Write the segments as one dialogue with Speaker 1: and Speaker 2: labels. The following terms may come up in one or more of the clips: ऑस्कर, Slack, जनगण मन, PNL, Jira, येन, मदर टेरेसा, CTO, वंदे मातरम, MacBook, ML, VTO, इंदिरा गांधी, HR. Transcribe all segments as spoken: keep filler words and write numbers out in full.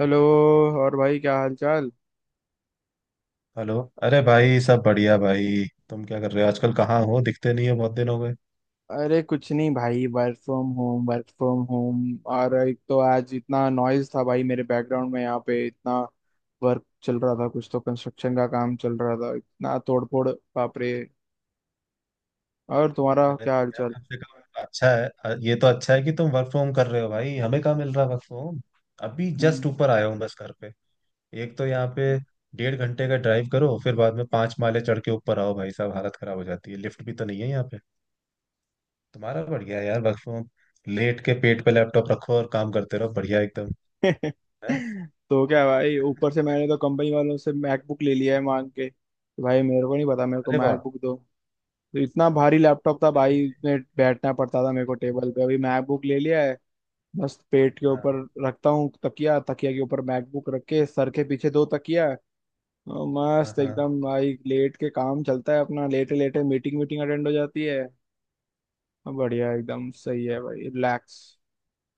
Speaker 1: Hello. और भाई, क्या हाल चाल?
Speaker 2: हेलो। अरे भाई, सब बढ़िया। भाई तुम क्या कर रहे हो आजकल? कहाँ हो? दिखते नहीं हो, बहुत दिन हो गए।
Speaker 1: अरे कुछ नहीं भाई, work from home work from home. और एक तो आज इतना नॉइज था भाई मेरे बैकग्राउंड में, यहाँ पे इतना वर्क चल रहा था, कुछ तो कंस्ट्रक्शन का काम चल रहा था, इतना तोड़फोड़। बाप रे। और तुम्हारा
Speaker 2: अरे
Speaker 1: क्या
Speaker 2: तो
Speaker 1: हाल
Speaker 2: यार,
Speaker 1: चाल?
Speaker 2: कम से कम अच्छा है, अ, ये तो अच्छा है कि तुम वर्क फ्रॉम कर रहे हो। भाई, हमें कहाँ मिल रहा वर्क फ्रॉम। अभी जस्ट
Speaker 1: हम्म।
Speaker 2: ऊपर आया हूँ, बस घर पे। एक तो यहाँ पे डेढ़ घंटे का ड्राइव करो, फिर बाद में पांच माले चढ़ के ऊपर आओ, भाई साहब हालत खराब हो जाती है। लिफ्ट भी तो नहीं है यहाँ पे। तुम्हारा बढ़िया है यार, वर्क फ्रॉम, लेट के पेट पे लैपटॉप रखो और काम करते रहो, बढ़िया एकदम है।
Speaker 1: तो क्या भाई, ऊपर से मैंने तो कंपनी वालों से मैकबुक ले लिया है मांग के। तो भाई, मेरे को नहीं पता, मेरे को
Speaker 2: अरे वाह।
Speaker 1: मैकबुक दो। तो इतना भारी लैपटॉप था
Speaker 2: अरे।
Speaker 1: भाई, उसमें बैठना पड़ता था मेरे को टेबल पे। अभी मैकबुक ले लिया है। बस पेट के
Speaker 2: हाँ।
Speaker 1: ऊपर रखता हूँ, तकिया, तकिया के ऊपर मैकबुक रख के, सर के पीछे दो तकिया। और
Speaker 2: हाँ
Speaker 1: मस्त
Speaker 2: हाँ।
Speaker 1: एकदम भाई, लेट के काम चलता है अपना, लेटे लेटे मीटिंग मीटिंग अटेंड हो जाती है। बढ़िया एकदम, सही है भाई, रिलैक्स।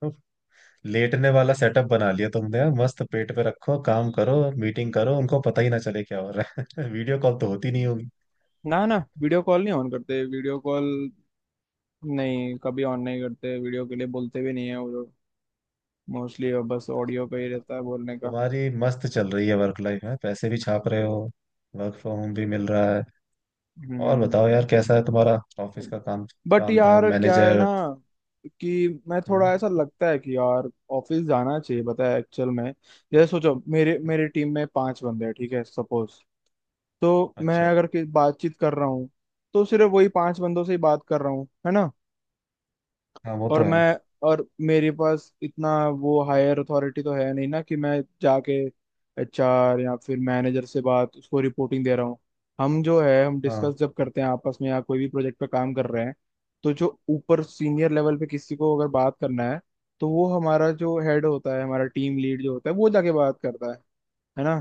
Speaker 2: तो लेटने वाला सेटअप बना लिया तुमने यार, मस्त पेट पे रखो, काम करो, मीटिंग करो, उनको पता ही ना चले क्या हो रहा है वीडियो कॉल तो होती नहीं होगी।
Speaker 1: ना ना, वीडियो कॉल नहीं ऑन करते वीडियो कॉल। नहीं, कभी ऑन नहीं करते, वीडियो के लिए बोलते भी नहीं है वो लोग। मोस्टली बस ऑडियो का ही रहता है बोलने का।
Speaker 2: तुम्हारी मस्त चल रही है, वर्क लाइफ है, पैसे भी छाप रहे हो, वर्क फ्रॉम होम भी मिल रहा है। और
Speaker 1: हम्म।
Speaker 2: बताओ यार, कैसा है तुम्हारा ऑफिस का काम?
Speaker 1: बट
Speaker 2: काम धाम,
Speaker 1: यार क्या है ना
Speaker 2: मैनेजर।
Speaker 1: कि मैं
Speaker 2: हम्म।
Speaker 1: थोड़ा, ऐसा लगता है कि यार ऑफिस जाना चाहिए, पता है, एक्चुअल में। जैसे सोचो, मेरे मेरी टीम में पांच बंदे हैं, ठीक है, सपोज। तो मैं
Speaker 2: अच्छा।
Speaker 1: अगर कि- बातचीत कर रहा हूँ, तो सिर्फ वही पांच बंदों से ही बात कर रहा हूँ, है ना।
Speaker 2: हाँ, वो
Speaker 1: और
Speaker 2: तो है।
Speaker 1: मैं और मेरे पास इतना वो हायर अथॉरिटी तो है नहीं ना, कि मैं जाके एच आर या फिर मैनेजर से बात, उसको रिपोर्टिंग दे रहा हूँ। हम जो है हम
Speaker 2: हाँ।
Speaker 1: डिस्कस जब करते हैं आपस में, या कोई भी प्रोजेक्ट पे काम कर रहे हैं, तो जो ऊपर सीनियर लेवल पे किसी को अगर बात करना है, तो वो हमारा जो हेड होता है, हमारा टीम लीड जो होता है, वो जाके बात करता है है ना।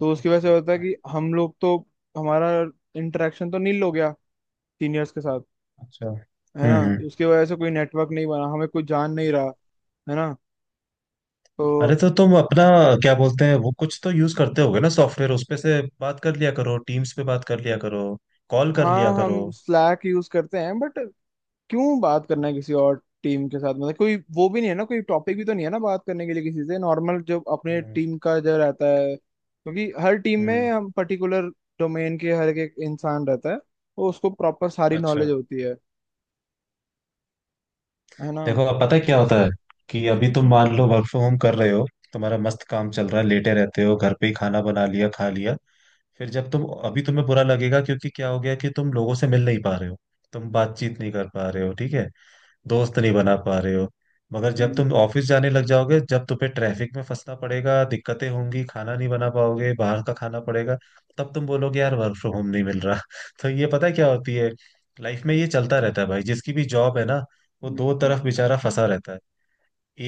Speaker 1: तो उसकी वजह
Speaker 2: अच्छा।
Speaker 1: से होता है
Speaker 2: हाँ,
Speaker 1: कि हम लोग तो, हमारा इंटरेक्शन तो नील हो गया सीनियर्स के साथ।
Speaker 2: अच्छा,
Speaker 1: है
Speaker 2: हम्म
Speaker 1: ना,
Speaker 2: हम्म।
Speaker 1: तो उसकी वजह से कोई नेटवर्क नहीं बना, हमें कोई जान नहीं रहा, है ना। तो
Speaker 2: अरे तो तुम अपना, क्या बोलते हैं वो, कुछ तो यूज करते होगे ना सॉफ्टवेयर, उस पे से बात कर लिया करो, टीम्स पे बात कर लिया करो, कॉल कर लिया
Speaker 1: हाँ, हम
Speaker 2: करो।
Speaker 1: स्लैक यूज करते हैं बट क्यों बात करना है किसी और टीम के साथ? मतलब कोई वो भी नहीं है ना, कोई टॉपिक भी तो नहीं है ना बात करने के लिए किसी से। नॉर्मल जो अपने
Speaker 2: हम्म
Speaker 1: टीम का जो रहता है, क्योंकि हर टीम में
Speaker 2: हम्म।
Speaker 1: हम पर्टिकुलर डोमेन के हर एक इंसान रहता है, तो उसको प्रॉपर सारी
Speaker 2: अच्छा।
Speaker 1: नॉलेज होती है है ना।
Speaker 2: देखो अब पता है क्या
Speaker 1: बस।
Speaker 2: होता है कि अभी तुम मान लो वर्क फ्रॉम होम कर रहे हो, तुम्हारा मस्त काम चल रहा है, लेटे रहते हो घर पे ही, खाना बना लिया, खा लिया, फिर जब तुम, अभी तुम्हें बुरा लगेगा क्योंकि क्या हो गया कि तुम लोगों से मिल नहीं पा रहे हो, तुम बातचीत नहीं कर पा रहे हो, ठीक है, दोस्त नहीं बना पा रहे हो। मगर जब तुम
Speaker 1: हम्म,
Speaker 2: ऑफिस जाने लग जाओगे, जब तुम्हें ट्रैफिक में फंसना पड़ेगा, दिक्कतें होंगी, खाना नहीं बना पाओगे, बाहर का खाना पड़ेगा, तब तुम बोलोगे यार वर्क फ्रॉम होम नहीं मिल रहा तो ये पता है क्या होती है, लाइफ में ये चलता रहता है भाई, जिसकी भी जॉब है ना, वो दो
Speaker 1: हम्म।
Speaker 2: तरफ बेचारा फंसा रहता है।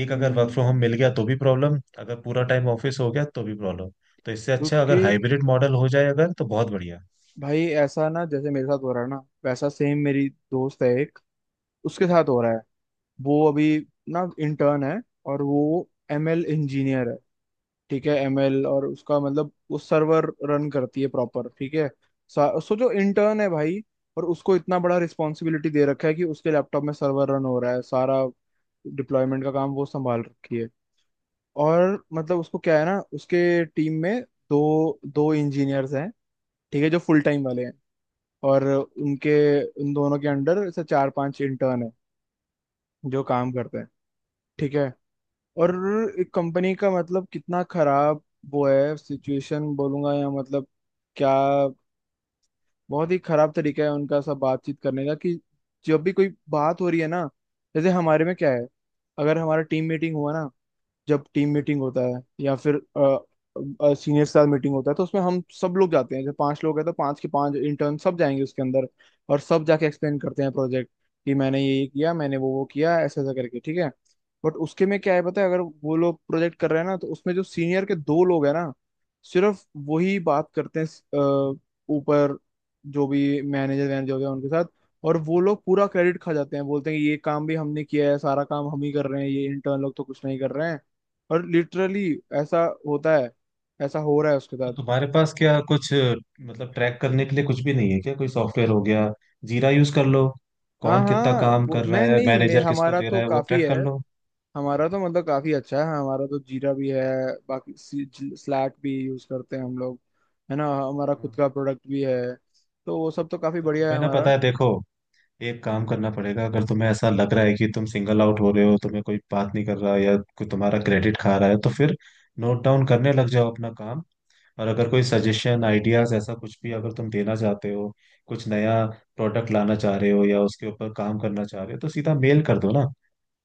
Speaker 2: एक अगर वर्क
Speaker 1: हम्म।
Speaker 2: फ्रॉम होम मिल गया तो भी प्रॉब्लम, अगर पूरा टाइम ऑफिस हो गया तो भी प्रॉब्लम। तो इससे अच्छा अगर
Speaker 1: क्योंकि
Speaker 2: हाइब्रिड मॉडल हो जाए अगर तो बहुत बढ़िया।
Speaker 1: भाई ऐसा, ना, जैसे मेरे साथ हो रहा है ना, वैसा सेम मेरी दोस्त है एक, उसके साथ हो रहा है। वो अभी ना इंटर्न है, और वो एम एल इंजीनियर है, ठीक है एम एल। और उसका मतलब वो सर्वर रन करती है प्रॉपर, ठीक है। सा- सो जो इंटर्न है भाई, और उसको इतना बड़ा रिस्पॉन्सिबिलिटी दे रखा है, कि उसके लैपटॉप में सर्वर रन हो रहा है, सारा डिप्लॉयमेंट का काम वो संभाल रखी है। और मतलब उसको क्या है ना, उसके टीम में दो दो इंजीनियर्स हैं, ठीक है, जो फुल टाइम वाले हैं। और उनके, उन दोनों के अंडर से चार पांच इंटर्न है जो काम करते हैं, ठीक है। और एक कंपनी का, मतलब कितना खराब वो है सिचुएशन, बोलूंगा या मतलब क्या, बहुत ही खराब तरीका है उनका सब बातचीत करने का। कि जब भी कोई बात हो रही है ना, जैसे हमारे में क्या है, अगर हमारा टीम मीटिंग हुआ ना, जब टीम मीटिंग होता है या फिर सीनियर के साथ मीटिंग होता है, तो उसमें हम सब लोग जाते हैं। जब पांच लोग हैं तो पांच के पांच इंटर्न सब जाएंगे उसके अंदर, और सब जाके एक्सप्लेन करते हैं प्रोजेक्ट, कि मैंने ये ये किया, मैंने वो वो किया, ऐसा ऐसा करके, ठीक है। बट उसके में क्या है पता है, अगर वो लोग प्रोजेक्ट कर रहे हैं ना, तो उसमें जो सीनियर के दो लोग हैं ना, सिर्फ वही बात करते हैं अ, ऊपर, जो भी मैनेजर वैनेजर होते हैं उनके साथ। और वो लोग पूरा क्रेडिट खा जाते हैं, बोलते हैं कि ये काम भी हमने किया है, सारा काम हम ही कर रहे हैं, ये इंटर्न लोग तो कुछ नहीं कर रहे हैं। और लिटरली ऐसा होता है, ऐसा हो रहा है उसके
Speaker 2: तो
Speaker 1: साथ।
Speaker 2: तुम्हारे पास क्या कुछ मतलब ट्रैक करने के लिए कुछ भी नहीं है क्या? कोई सॉफ्टवेयर हो गया, जीरा यूज कर लो,
Speaker 1: हाँ
Speaker 2: कौन कितना
Speaker 1: हाँ,
Speaker 2: काम
Speaker 1: वो
Speaker 2: कर रहा
Speaker 1: मैं
Speaker 2: है,
Speaker 1: नहीं, मैं
Speaker 2: मैनेजर किसको
Speaker 1: हमारा
Speaker 2: दे
Speaker 1: तो
Speaker 2: रहा है, वो
Speaker 1: काफी
Speaker 2: ट्रैक
Speaker 1: है,
Speaker 2: कर लो।
Speaker 1: हमारा तो मतलब काफी अच्छा है, हमारा तो जीरा भी है, बाकी स्लैक भी यूज करते हैं हम लोग, है ना, हमारा खुद
Speaker 2: हाँ।
Speaker 1: का प्रोडक्ट भी है। तो वो सब तो काफी
Speaker 2: तो
Speaker 1: बढ़िया
Speaker 2: तुम्हें
Speaker 1: है
Speaker 2: ना पता
Speaker 1: हमारा।
Speaker 2: है, देखो, एक काम करना पड़ेगा। अगर तुम्हें ऐसा लग रहा है कि तुम सिंगल आउट हो रहे हो, तुम्हें कोई बात नहीं कर रहा या कोई तुम्हारा क्रेडिट खा रहा है, तो फिर नोट डाउन करने लग जाओ अपना काम। और अगर कोई सजेशन, आइडियाज, ऐसा कुछ भी अगर तुम देना चाहते हो, कुछ नया प्रोडक्ट लाना चाह रहे हो या उसके ऊपर काम करना चाह रहे हो, तो सीधा मेल कर दो ना।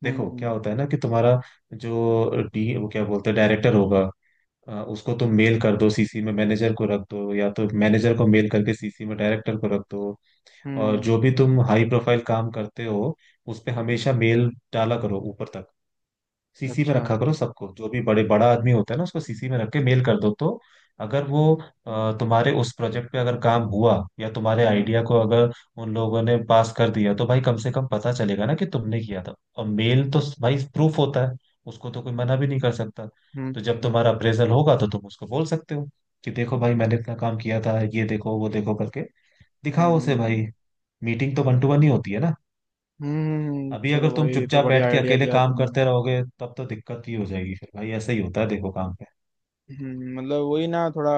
Speaker 2: देखो क्या
Speaker 1: हम्म,
Speaker 2: होता है ना कि तुम्हारा जो डी वो क्या बोलते हैं, डायरेक्टर होगा, अ, उसको तुम मेल कर दो, सीसी में मैनेजर को रख दो, या तो मैनेजर को मेल करके सीसी में डायरेक्टर को रख दो। और
Speaker 1: हम्म।
Speaker 2: जो भी तुम हाई प्रोफाइल काम करते हो, उस पे हमेशा मेल डाला करो ऊपर तक, सीसी में
Speaker 1: अच्छा।
Speaker 2: रखा करो सबको। जो भी बड़े बड़ा आदमी होता है ना, उसको सीसी में रख के मेल कर दो। तो अगर वो, अ, तुम्हारे उस प्रोजेक्ट पे अगर काम हुआ या तुम्हारे
Speaker 1: हाँ।
Speaker 2: आइडिया को अगर उन लोगों ने पास कर दिया, तो भाई कम से कम पता चलेगा ना कि तुमने किया था। और मेल तो भाई प्रूफ होता है, उसको तो कोई मना भी नहीं कर सकता।
Speaker 1: हम्म,
Speaker 2: तो जब
Speaker 1: हम्म।
Speaker 2: तुम्हारा अप्रेजल होगा तो तुम उसको बोल सकते हो कि देखो भाई मैंने इतना काम किया था, ये देखो वो देखो करके
Speaker 1: हम्म,
Speaker 2: दिखाओ उसे
Speaker 1: हम्म।
Speaker 2: भाई। मीटिंग तो वन टू वन ही होती है ना।
Speaker 1: हम्म,
Speaker 2: अभी अगर
Speaker 1: चलो
Speaker 2: तुम
Speaker 1: भाई, ये तो
Speaker 2: चुपचाप
Speaker 1: बढ़िया
Speaker 2: बैठ के
Speaker 1: आइडिया
Speaker 2: अकेले
Speaker 1: दिया
Speaker 2: काम
Speaker 1: तुमने।
Speaker 2: करते रहोगे तब तो दिक्कत ही हो जाएगी फिर भाई। ऐसा ही होता है देखो काम पे।
Speaker 1: हम्म, मतलब वही ना, थोड़ा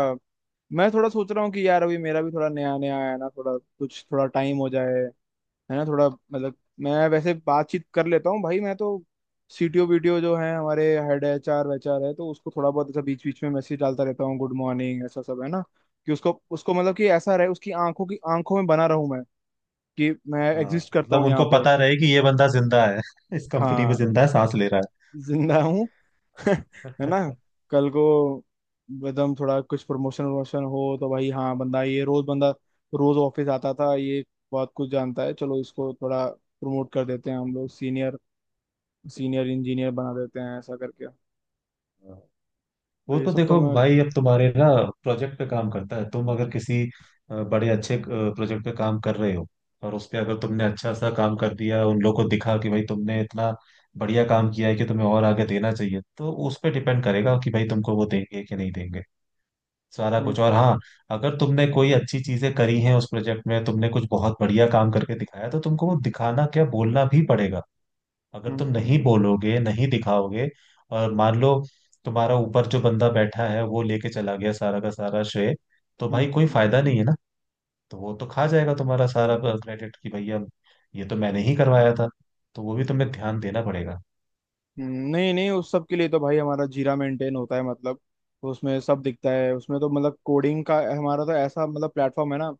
Speaker 1: मैं थोड़ा सोच रहा हूँ कि यार, अभी मेरा भी थोड़ा नया नया आया है ना, थोड़ा कुछ थोड़ा टाइम हो जाए, है ना, थोड़ा मतलब। मैं वैसे बातचीत कर लेता हूँ भाई, मैं तो सी टी ओ वीटीओ जो है हमारे हेड, एच आर वेचआर है, तो उसको थोड़ा बहुत ऐसा बीच बीच में मैसेज डालता रहता हूँ, गुड मॉर्निंग ऐसा सब, है ना। कि उसको उसको मतलब कि ऐसा रहे, उसकी आंखों की आंखों में बना रहूं मैं, कि मैं
Speaker 2: हाँ,
Speaker 1: एग्जिस्ट करता
Speaker 2: मतलब
Speaker 1: हूँ
Speaker 2: उनको
Speaker 1: यहाँ पे।
Speaker 2: पता रहे कि ये बंदा जिंदा है इस कंपनी में
Speaker 1: हाँ,
Speaker 2: जिंदा है, सांस ले रहा
Speaker 1: जिंदा हूँ। है ना,
Speaker 2: है
Speaker 1: कल को एकदम थोड़ा कुछ प्रमोशन प्रमोशन हो, तो भाई हाँ, बंदा ये रोज, बंदा रोज ऑफिस आता था ये, बहुत कुछ जानता है, चलो इसको थोड़ा प्रमोट कर देते हैं हम लोग, सीनियर सीनियर इंजीनियर बना देते हैं, ऐसा करके। तो
Speaker 2: वो
Speaker 1: ये
Speaker 2: तो
Speaker 1: सब तो
Speaker 2: देखो
Speaker 1: मैं।
Speaker 2: भाई अब तुम्हारे ना प्रोजेक्ट पे काम करता है। तुम अगर किसी अ, बड़े अच्छे प्रोजेक्ट पे काम कर रहे हो और उस पे अगर तुमने अच्छा सा काम कर दिया, उन लोगों को दिखा कि भाई तुमने इतना बढ़िया काम किया है कि तुम्हें और आगे देना चाहिए, तो उस पे डिपेंड करेगा कि भाई तुमको वो देंगे कि नहीं देंगे सारा
Speaker 1: हम्म
Speaker 2: कुछ। और हाँ, अगर तुमने कोई अच्छी चीजें करी हैं उस प्रोजेक्ट में, तुमने कुछ बहुत बढ़िया काम करके दिखाया, तो तुमको वो दिखाना, क्या बोलना भी पड़ेगा। अगर
Speaker 1: हम्म,
Speaker 2: तुम
Speaker 1: हम्म।
Speaker 2: नहीं बोलोगे, नहीं दिखाओगे, और मान लो तुम्हारा ऊपर जो बंदा बैठा है वो लेके चला गया सारा का सारा श्रेय, तो
Speaker 1: हम्म,
Speaker 2: भाई कोई
Speaker 1: हम्म।
Speaker 2: फायदा नहीं है ना। तो वो तो खा जाएगा तुम्हारा सारा क्रेडिट कि भैया ये तो मैंने ही करवाया था। तो वो भी तुम्हें ध्यान देना पड़ेगा।
Speaker 1: नहीं नहीं, उस सब के लिए तो भाई हमारा जीरा मेंटेन होता है, मतलब उसमें सब दिखता है। उसमें तो मतलब कोडिंग का हमारा तो ऐसा मतलब प्लेटफॉर्म है ना,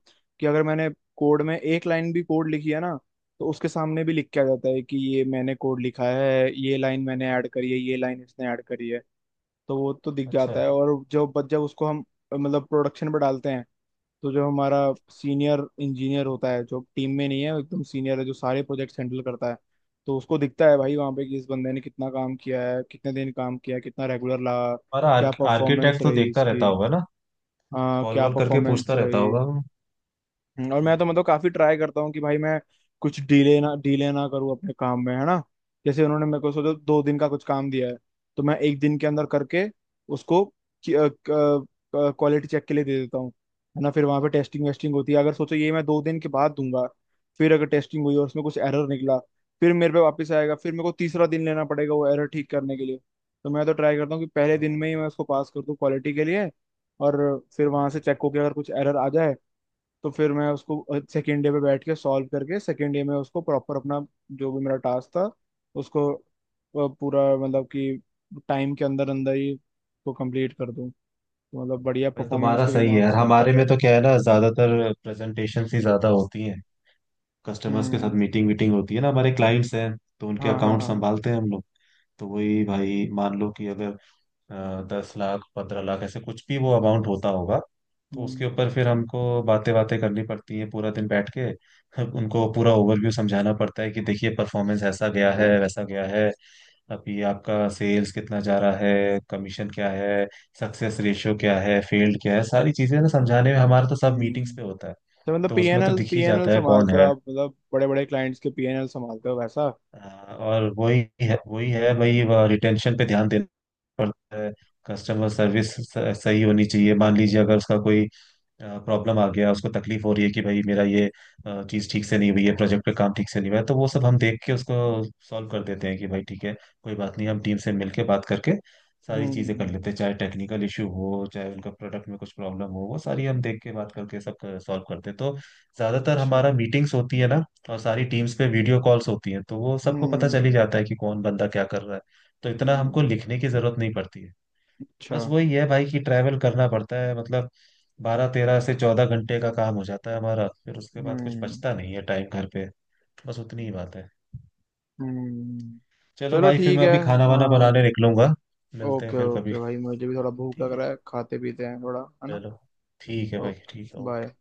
Speaker 1: कि अगर मैंने कोड में एक लाइन भी कोड लिखी है ना, तो उसके सामने भी लिख के आ जाता है कि ये मैंने कोड लिखा है, ये लाइन मैंने ऐड करी है, ये लाइन इसने ऐड करी है। तो वो तो दिख
Speaker 2: अच्छा,
Speaker 1: जाता है। और जब जब उसको हम मतलब प्रोडक्शन पर डालते हैं, तो जो हमारा सीनियर इंजीनियर होता है, जो टीम में नहीं है, वो एकदम सीनियर है जो सारे प्रोजेक्ट्स हैंडल करता है, तो उसको दिखता है भाई वहाँ पे, कि इस बंदे ने कितना काम किया है, कितने दिन काम किया है, कितना रेगुलर लगा,
Speaker 2: हमारा
Speaker 1: क्या परफॉर्मेंस
Speaker 2: आर्किटेक्ट तो
Speaker 1: रही
Speaker 2: देखता
Speaker 1: इसकी।
Speaker 2: रहता होगा ना,
Speaker 1: हाँ,
Speaker 2: कॉल
Speaker 1: क्या
Speaker 2: वॉल करके
Speaker 1: परफॉर्मेंस
Speaker 2: पूछता रहता
Speaker 1: रही।
Speaker 2: होगा वो।
Speaker 1: हम्म, और मैं
Speaker 2: हम्म।
Speaker 1: तो मतलब काफी ट्राई करता हूँ कि भाई मैं कुछ डीले ना डीले ना करूँ अपने काम में, है ना। जैसे उन्होंने मेरे को सोचो दो दिन का कुछ काम दिया है, तो मैं एक दिन के अंदर करके उसको क्वालिटी चेक के लिए दे देता हूँ, है ना। फिर वहां पे टेस्टिंग वेस्टिंग होती है। अगर सोचो ये मैं दो दिन के बाद दूंगा, फिर अगर टेस्टिंग हुई और उसमें कुछ एरर निकला, फिर मेरे पे वापस आएगा, फिर मेरे को तीसरा दिन लेना पड़ेगा वो एरर ठीक करने के लिए। तो मैं तो ट्राई करता हूँ कि पहले दिन में ही
Speaker 2: हाँ।
Speaker 1: मैं उसको पास कर दूँ क्वालिटी के लिए। और फिर वहां से चेक होकर अगर कुछ एरर आ जाए, तो फिर मैं उसको सेकेंड डे पे बैठ के सॉल्व करके, सेकेंड डे में उसको प्रॉपर अपना, जो भी मेरा टास्क था उसको अ, पूरा, मतलब कि टाइम के अंदर अंदर ही को कंप्लीट कर दूं। तो मतलब बढ़िया
Speaker 2: भाई
Speaker 1: परफॉर्मेंस
Speaker 2: तुम्हारा
Speaker 1: के भी
Speaker 2: सही है यार,
Speaker 1: मार्क्स मिलता
Speaker 2: हमारे में
Speaker 1: रहे।
Speaker 2: तो क्या है ना, ज्यादातर प्रेजेंटेशन ही ज्यादा होती हैं, कस्टमर्स के साथ
Speaker 1: हम्म।
Speaker 2: मीटिंग वीटिंग होती है ना, हमारे क्लाइंट्स हैं, तो उनके
Speaker 1: हाँ हाँ
Speaker 2: अकाउंट
Speaker 1: हाँ।
Speaker 2: संभालते हैं हम लोग। तो वही भाई मान लो कि अगर अ, दस लाख पंद्रह लाख ऐसे कुछ भी वो अमाउंट होता होगा, तो उसके
Speaker 1: हम्म,
Speaker 2: ऊपर फिर हमको बातें बातें करनी पड़ती है पूरा दिन बैठ के उनको पूरा ओवरव्यू समझाना पड़ता है कि देखिए परफॉर्मेंस ऐसा गया है वैसा गया है, अभी आपका सेल्स कितना जा रहा है, कमीशन क्या है, सक्सेस रेशियो क्या है, फेल्ड क्या है, सारी चीजें ना समझाने में हमारा तो सब मीटिंग्स
Speaker 1: हम्म।
Speaker 2: पे होता है।
Speaker 1: तो मतलब
Speaker 2: तो उसमें तो
Speaker 1: पीएनएल
Speaker 2: दिख ही
Speaker 1: पीएनएल
Speaker 2: जाता है कौन
Speaker 1: संभालते हो
Speaker 2: है।
Speaker 1: आप, मतलब बड़े बड़े क्लाइंट्स के पी एन एल संभालते हो वैसा।
Speaker 2: हाँ, और वही है वही है भाई, रिटेंशन पे ध्यान देना पड़ता है। कस्टमर सर्विस सही होनी चाहिए। मान लीजिए अगर उसका कोई प्रॉब्लम आ गया, उसको तकलीफ हो रही है कि भाई मेरा ये चीज ठीक से नहीं हुई है, प्रोजेक्ट पे काम ठीक से नहीं हुआ है, तो वो सब हम देख के उसको सॉल्व कर देते हैं कि भाई ठीक है, कोई बात नहीं, हम टीम से मिलके बात करके सारी चीजें कर
Speaker 1: हम्म।
Speaker 2: लेते हैं। चाहे टेक्निकल इशू हो, चाहे उनका प्रोडक्ट में कुछ प्रॉब्लम हो, वो सारी हम देख के बात करके सब सॉल्व करते हैं। तो ज्यादातर
Speaker 1: अच्छा।
Speaker 2: हमारा मीटिंग्स होती है ना, और सारी टीम्स पे वीडियो कॉल्स होती हैं, तो वो सबको पता
Speaker 1: हम्म,
Speaker 2: चल ही जाता है कि कौन बंदा क्या कर रहा है। तो इतना
Speaker 1: हम्म।
Speaker 2: हमको लिखने की जरूरत नहीं पड़ती है।
Speaker 1: अच्छा।
Speaker 2: बस वही है भाई कि ट्रैवल करना पड़ता है, मतलब बारह तेरह से चौदह घंटे का काम हो जाता है हमारा, फिर उसके बाद कुछ
Speaker 1: हम्म,
Speaker 2: बचता नहीं है टाइम घर पे। बस उतनी ही बात है।
Speaker 1: हम्म।
Speaker 2: चलो
Speaker 1: चलो
Speaker 2: भाई, फिर
Speaker 1: ठीक
Speaker 2: मैं
Speaker 1: है।
Speaker 2: अभी खाना वाना
Speaker 1: हाँ।
Speaker 2: बनाने निकलूंगा। मिलते हैं
Speaker 1: ओके
Speaker 2: फिर कभी।
Speaker 1: ओके भाई, मुझे भी थोड़ा भूख
Speaker 2: ठीक
Speaker 1: लग
Speaker 2: है,
Speaker 1: रहा है, खाते पीते हैं थोड़ा, है ना।
Speaker 2: चलो, ठीक है भाई,
Speaker 1: ओके,
Speaker 2: ठीक है,
Speaker 1: बाय।
Speaker 2: ओके।